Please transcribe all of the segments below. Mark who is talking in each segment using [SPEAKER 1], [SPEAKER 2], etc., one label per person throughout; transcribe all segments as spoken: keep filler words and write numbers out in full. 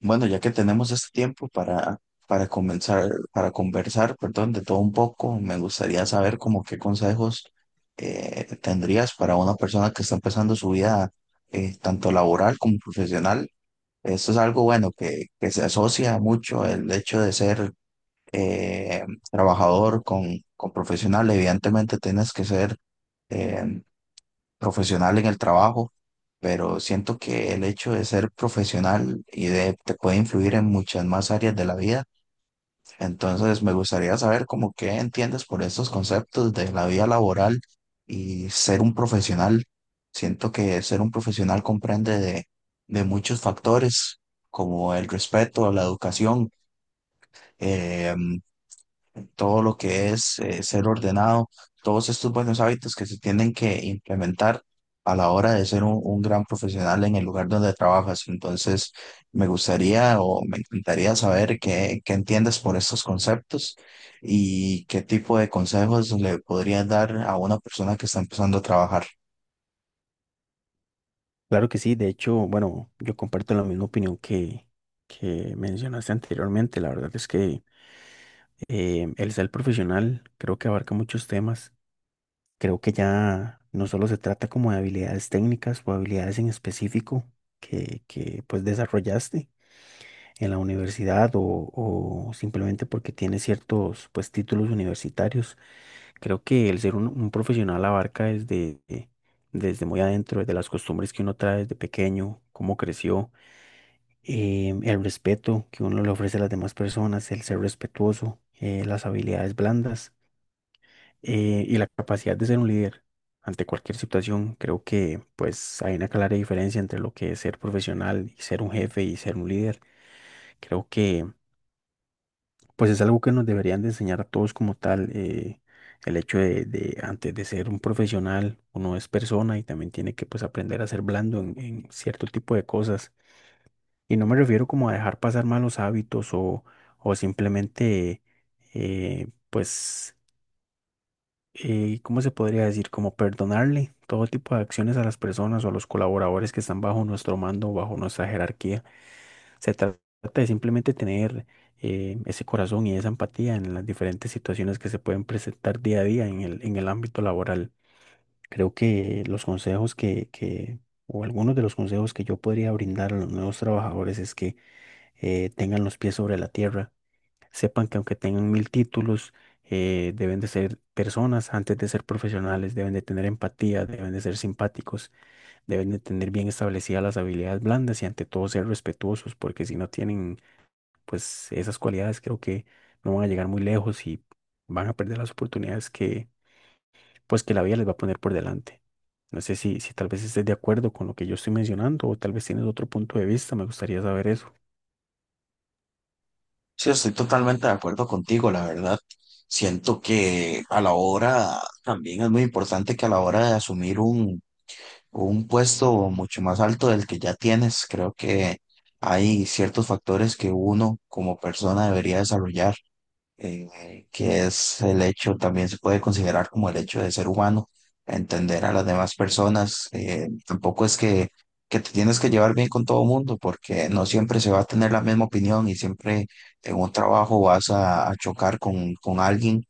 [SPEAKER 1] Bueno, ya que tenemos este tiempo para, para comenzar, para conversar, perdón, de todo un poco, me gustaría saber como qué consejos eh, tendrías para una persona que está empezando su vida eh, tanto laboral como profesional. Esto es algo bueno que, que se asocia mucho el hecho de ser eh, trabajador con, con profesional. Evidentemente tienes que ser eh, profesional en el trabajo, pero siento que el hecho de ser profesional y de te puede influir en muchas más áreas de la vida. Entonces, me gustaría saber cómo qué entiendes por estos conceptos de la vida laboral y ser un profesional. Siento que ser un profesional comprende de, de muchos factores, como el respeto, la educación, eh, todo lo que es eh, ser ordenado, todos estos buenos hábitos que se tienen que implementar a la hora de ser un, un gran profesional en el lugar donde trabajas. Entonces, me gustaría o me encantaría saber qué, qué entiendes por estos conceptos y qué tipo de consejos le podrías dar a una persona que está empezando a trabajar.
[SPEAKER 2] Claro que sí, de hecho, bueno, yo comparto la misma opinión que, que mencionaste anteriormente. La verdad es que eh, el ser profesional creo que abarca muchos temas. Creo que ya no solo se trata como de habilidades técnicas o habilidades en específico que, que pues desarrollaste en la universidad o, o simplemente porque tienes ciertos pues títulos universitarios. Creo que el ser un, un profesional abarca desde, desde muy adentro, desde las costumbres que uno trae desde pequeño, cómo creció, eh, el respeto que uno le ofrece a las demás personas, el ser respetuoso, eh, las habilidades blandas, eh, y la capacidad de ser un líder ante cualquier situación. Creo que pues hay una clara diferencia entre lo que es ser profesional y ser un jefe y ser un líder. Creo que pues es algo que nos deberían de enseñar a todos como tal. eh, El hecho de, de antes de ser un profesional, uno es persona y también tiene que pues aprender a ser blando en en cierto tipo de cosas. Y no me refiero como a dejar pasar malos hábitos o, o simplemente, eh, pues, eh, ¿cómo se podría decir? Como perdonarle todo tipo de acciones a las personas o a los colaboradores que están bajo nuestro mando, bajo nuestra jerarquía. Se tra- trata de simplemente tener eh, ese corazón y esa empatía en las diferentes situaciones que se pueden presentar día a día en el, en el ámbito laboral. Creo que los consejos que, que, o algunos de los consejos que yo podría brindar a los nuevos trabajadores es que eh, tengan los pies sobre la tierra, sepan que aunque tengan mil títulos, eh, deben de ser personas antes de ser profesionales, deben de tener empatía, deben de ser simpáticos, deben de tener bien establecidas las habilidades blandas y ante todo ser respetuosos, porque si no tienen pues esas cualidades, creo que no van a llegar muy lejos y van a perder las oportunidades que pues que la vida les va a poner por delante. No sé si, si tal vez estés de acuerdo con lo que yo estoy mencionando o tal vez tienes otro punto de vista, me gustaría saber eso.
[SPEAKER 1] Sí, estoy totalmente de acuerdo contigo, la verdad. Siento que a la hora, también es muy importante que a la hora de asumir un un puesto mucho más alto del que ya tienes. Creo que hay ciertos factores que uno como persona debería desarrollar, eh, que es el hecho, también se puede considerar como el hecho de ser humano, entender a las demás personas. Eh, tampoco es que, que te tienes que llevar bien con todo el mundo, porque no siempre se va a tener la misma opinión y siempre en un trabajo vas a, a chocar con, con alguien,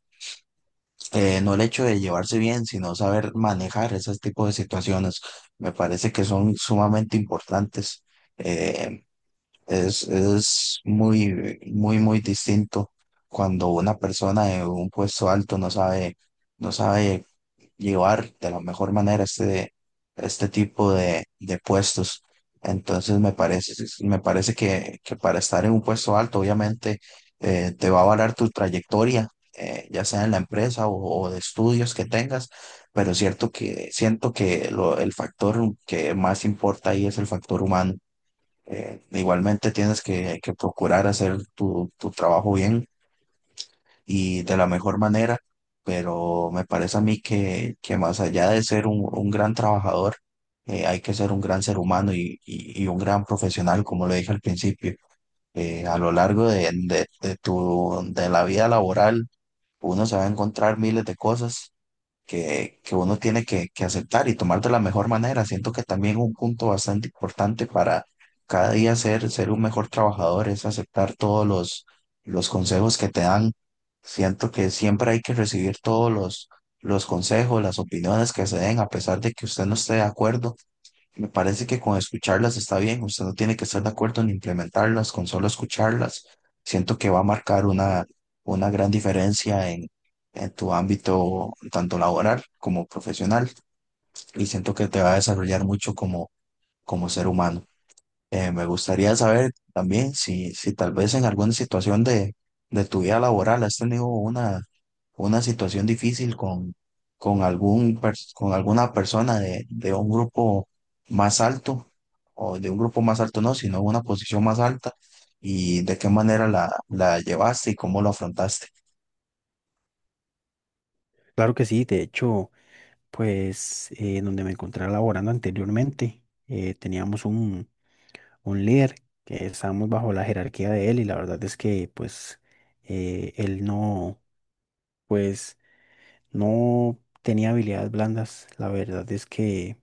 [SPEAKER 1] eh, no el hecho de llevarse bien, sino saber manejar esos tipos de situaciones. Me parece que son sumamente importantes. Eh, es, es muy, muy, muy distinto cuando una persona de un puesto alto no sabe, no sabe llevar de la mejor manera este, este tipo de, de puestos. Entonces me parece, me parece que, que para estar en un puesto alto, obviamente, eh, te va a valer tu trayectoria, eh, ya sea en la empresa o, o de estudios que tengas, pero cierto que siento que lo- el factor que más importa ahí es el factor humano. Eh, igualmente tienes que, que procurar hacer tu, tu trabajo bien y de la mejor manera, pero me parece a mí que, que más allá de ser un, un gran trabajador, eh, hay que ser un gran ser humano y, y- y un gran profesional, como lo dije al principio. Eh, a lo largo de, de, de tu, de la vida laboral, uno se va a encontrar miles de cosas que, que uno tiene que, que aceptar y tomar de la mejor manera. Siento que también un punto bastante importante para cada día ser, ser un mejor trabajador es aceptar todos los, los consejos que te dan. Siento que siempre hay que recibir todos los, los consejos, las opiniones que se den. A pesar de que usted no esté de acuerdo, me parece que con escucharlas está bien, usted no tiene que estar de acuerdo en implementarlas, con solo escucharlas, siento que va a marcar una, una gran diferencia en, en tu ámbito tanto laboral como profesional y siento que te va a desarrollar mucho como, como ser humano. Eh, me gustaría saber también si, si tal vez en alguna situación de, de tu vida laboral has tenido una, una situación difícil con, con, algún, pers- con alguna persona de, de un grupo más alto, o de un grupo más alto no, sino una posición más alta, y de qué manera la, la llevaste y cómo lo afrontaste.
[SPEAKER 2] Claro que sí, de hecho, pues eh, donde me encontraba laborando anteriormente, eh, teníamos un, un líder que estábamos bajo la jerarquía de él, y la verdad es que pues eh, él no, pues no tenía habilidades blandas, la verdad es que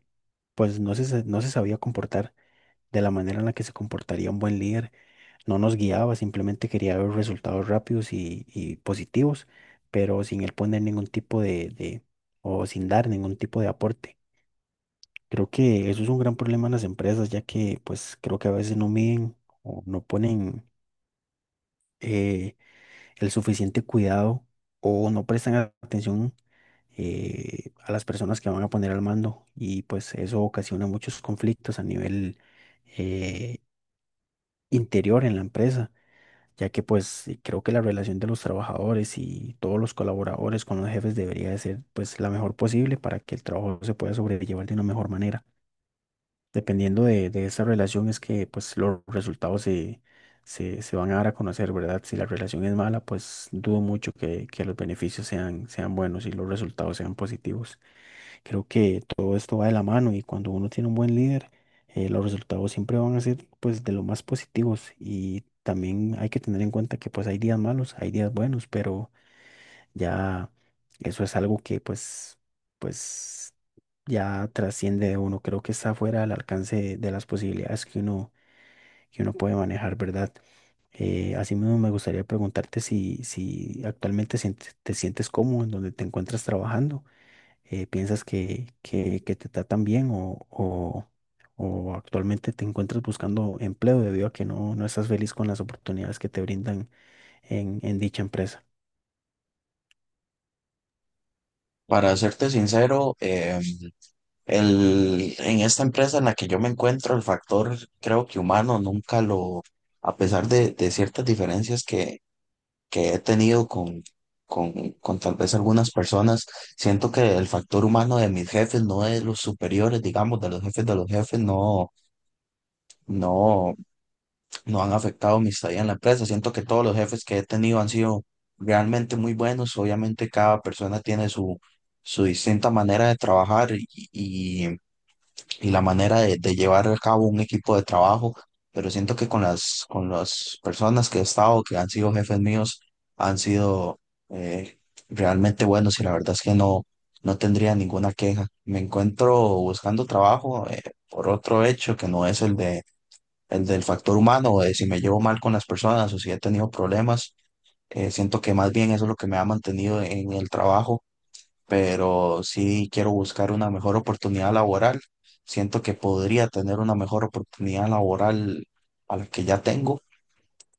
[SPEAKER 2] pues no se, sa- no se sabía comportar de la manera en la que se comportaría un buen líder, no nos guiaba, simplemente quería ver resultados rápidos y, y positivos, pero sin él poner ningún tipo de, de, o sin dar ningún tipo de aporte. Creo que eso es un gran problema en las empresas, ya que pues creo que a veces no miden o no ponen eh, el suficiente cuidado o no prestan a- atención, eh, a las personas que van a poner al mando, y pues eso ocasiona muchos conflictos a nivel eh, interior en la empresa, ya que pues eh, creo que la relación de los trabajadores y todos los colaboradores con los jefes debería de ser pues la mejor posible para que el trabajo se pueda sobrellevar de una mejor manera. Dependiendo de, de esa relación es que pues los resultados se, se, se van a dar a conocer, ¿verdad? Si la relación es mala, pues dudo mucho que, que los beneficios sean, sean buenos y los resultados sean positivos. Creo que todo esto va de la mano, y cuando uno tiene un buen líder, eh, los resultados siempre van a ser pues de lo más positivos, y también hay que tener en cuenta que pues hay días malos, hay días buenos, pero ya eso es algo que pues, pues ya trasciende de uno. Creo que está fuera del alcance de, de las posibilidades que uno, que uno puede manejar, ¿verdad? Eh, asimismo, me gustaría preguntarte si, si actualmente sientes- te sientes cómodo en donde te encuentras trabajando. Eh, ¿piensas que, que, que te tratan bien o, o, o actualmente te encuentras buscando empleo debido a que no, no estás feliz con las oportunidades que te brindan en, en dicha empresa?
[SPEAKER 1] Para serte sincero, em, El, en esta empresa en la que yo me encuentro, el factor creo que humano nunca lo, a pesar de, de ciertas diferencias que, que he tenido con, con, con tal vez algunas personas, siento que el factor humano de mis jefes, no de los superiores, digamos, de los jefes de los jefes, no, no, no han afectado mi estadía en la empresa. Siento que todos los jefes que he tenido han sido realmente muy buenos. Obviamente cada persona tiene su, su distinta manera de trabajar y y la manera de, de llevar a cabo un equipo de trabajo, pero siento que con las, con las personas que he estado, que han sido jefes míos, han sido eh, realmente buenos y la verdad es que no, no tendría ninguna queja. Me encuentro buscando trabajo, eh, por otro hecho que no es el de, el del factor humano, o de si me llevo mal con las personas o si he tenido problemas. Eh, siento que más bien eso es lo que me ha mantenido en el trabajo, pero sí quiero buscar una mejor oportunidad laboral. Siento que podría tener una mejor oportunidad laboral a la que ya tengo.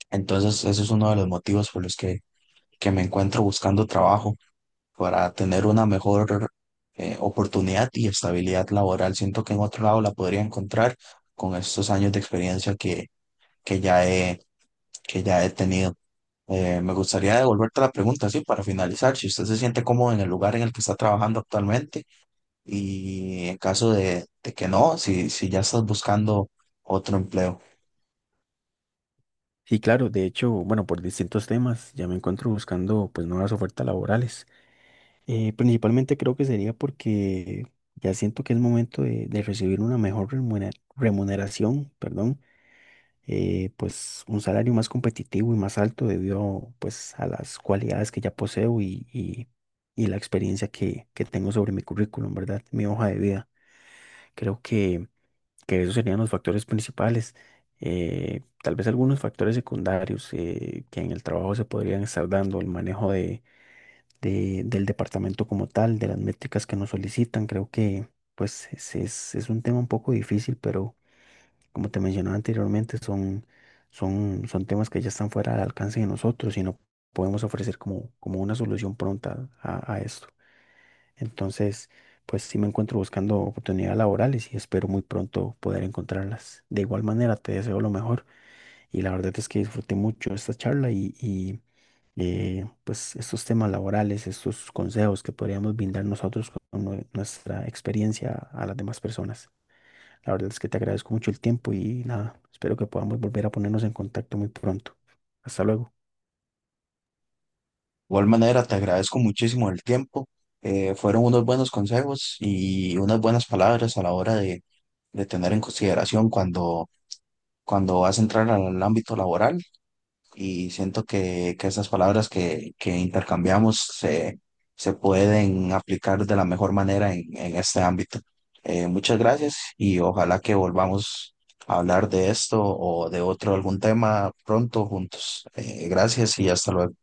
[SPEAKER 1] Entonces, ese es uno de los motivos por los que, que me encuentro buscando trabajo, para tener una mejor eh, oportunidad y estabilidad laboral. Siento que en otro lado la podría encontrar con estos años de experiencia que, que ya he, que ya he tenido. Eh, me gustaría devolverte la pregunta, sí, para finalizar, si usted se siente cómodo en el lugar en el que está trabajando actualmente y en caso de, de que no, si, si ya estás buscando otro empleo. De
[SPEAKER 2] Sí, claro, de hecho, bueno, por distintos temas ya me encuentro buscando pues nuevas ofertas laborales. Eh, principalmente creo que sería porque ya siento que es momento de, de recibir una mejor remunera- remuneración, perdón, eh, pues un salario más competitivo y más alto debido pues a las cualidades que ya poseo y, y- y la experiencia que, que tengo sobre mi currículum, ¿verdad? Mi hoja de vida. Creo que que esos serían los factores principales. Eh, tal vez algunos factores secundarios, eh, que en el trabajo se podrían estar dando, el manejo de, de- del departamento como tal, de las métricas que nos solicitan. Creo que pues es, es- es un tema un poco difícil, pero como te mencionaba anteriormente, son, son, son temas que ya están fuera del alcance de nosotros y no podemos ofrecer como, como una solución pronta a, a esto. Entonces, pues sí me encuentro buscando oportunidades laborales y espero muy pronto poder encontrarlas. De igual manera, te deseo lo mejor, y la verdad es que disfruté mucho esta charla y, y, eh, pues estos temas laborales, estos consejos que podríamos brindar nosotros con nue- nuestra experiencia a las demás personas. La verdad es que te agradezco mucho el tiempo y nada, espero que podamos volver a ponernos en contacto muy pronto. Hasta luego.
[SPEAKER 1] igual manera, te agradezco muchísimo el tiempo. Eh, fueron unos buenos consejos y unas buenas palabras a la hora de, de tener en consideración cuando, cuando vas a entrar al ámbito laboral. Y siento que, que esas palabras que, que intercambiamos se, se pueden aplicar de la mejor manera en, en este ámbito. Eh, muchas gracias y ojalá que volvamos a hablar de esto o de otro algún tema pronto juntos. Eh, gracias y hasta luego.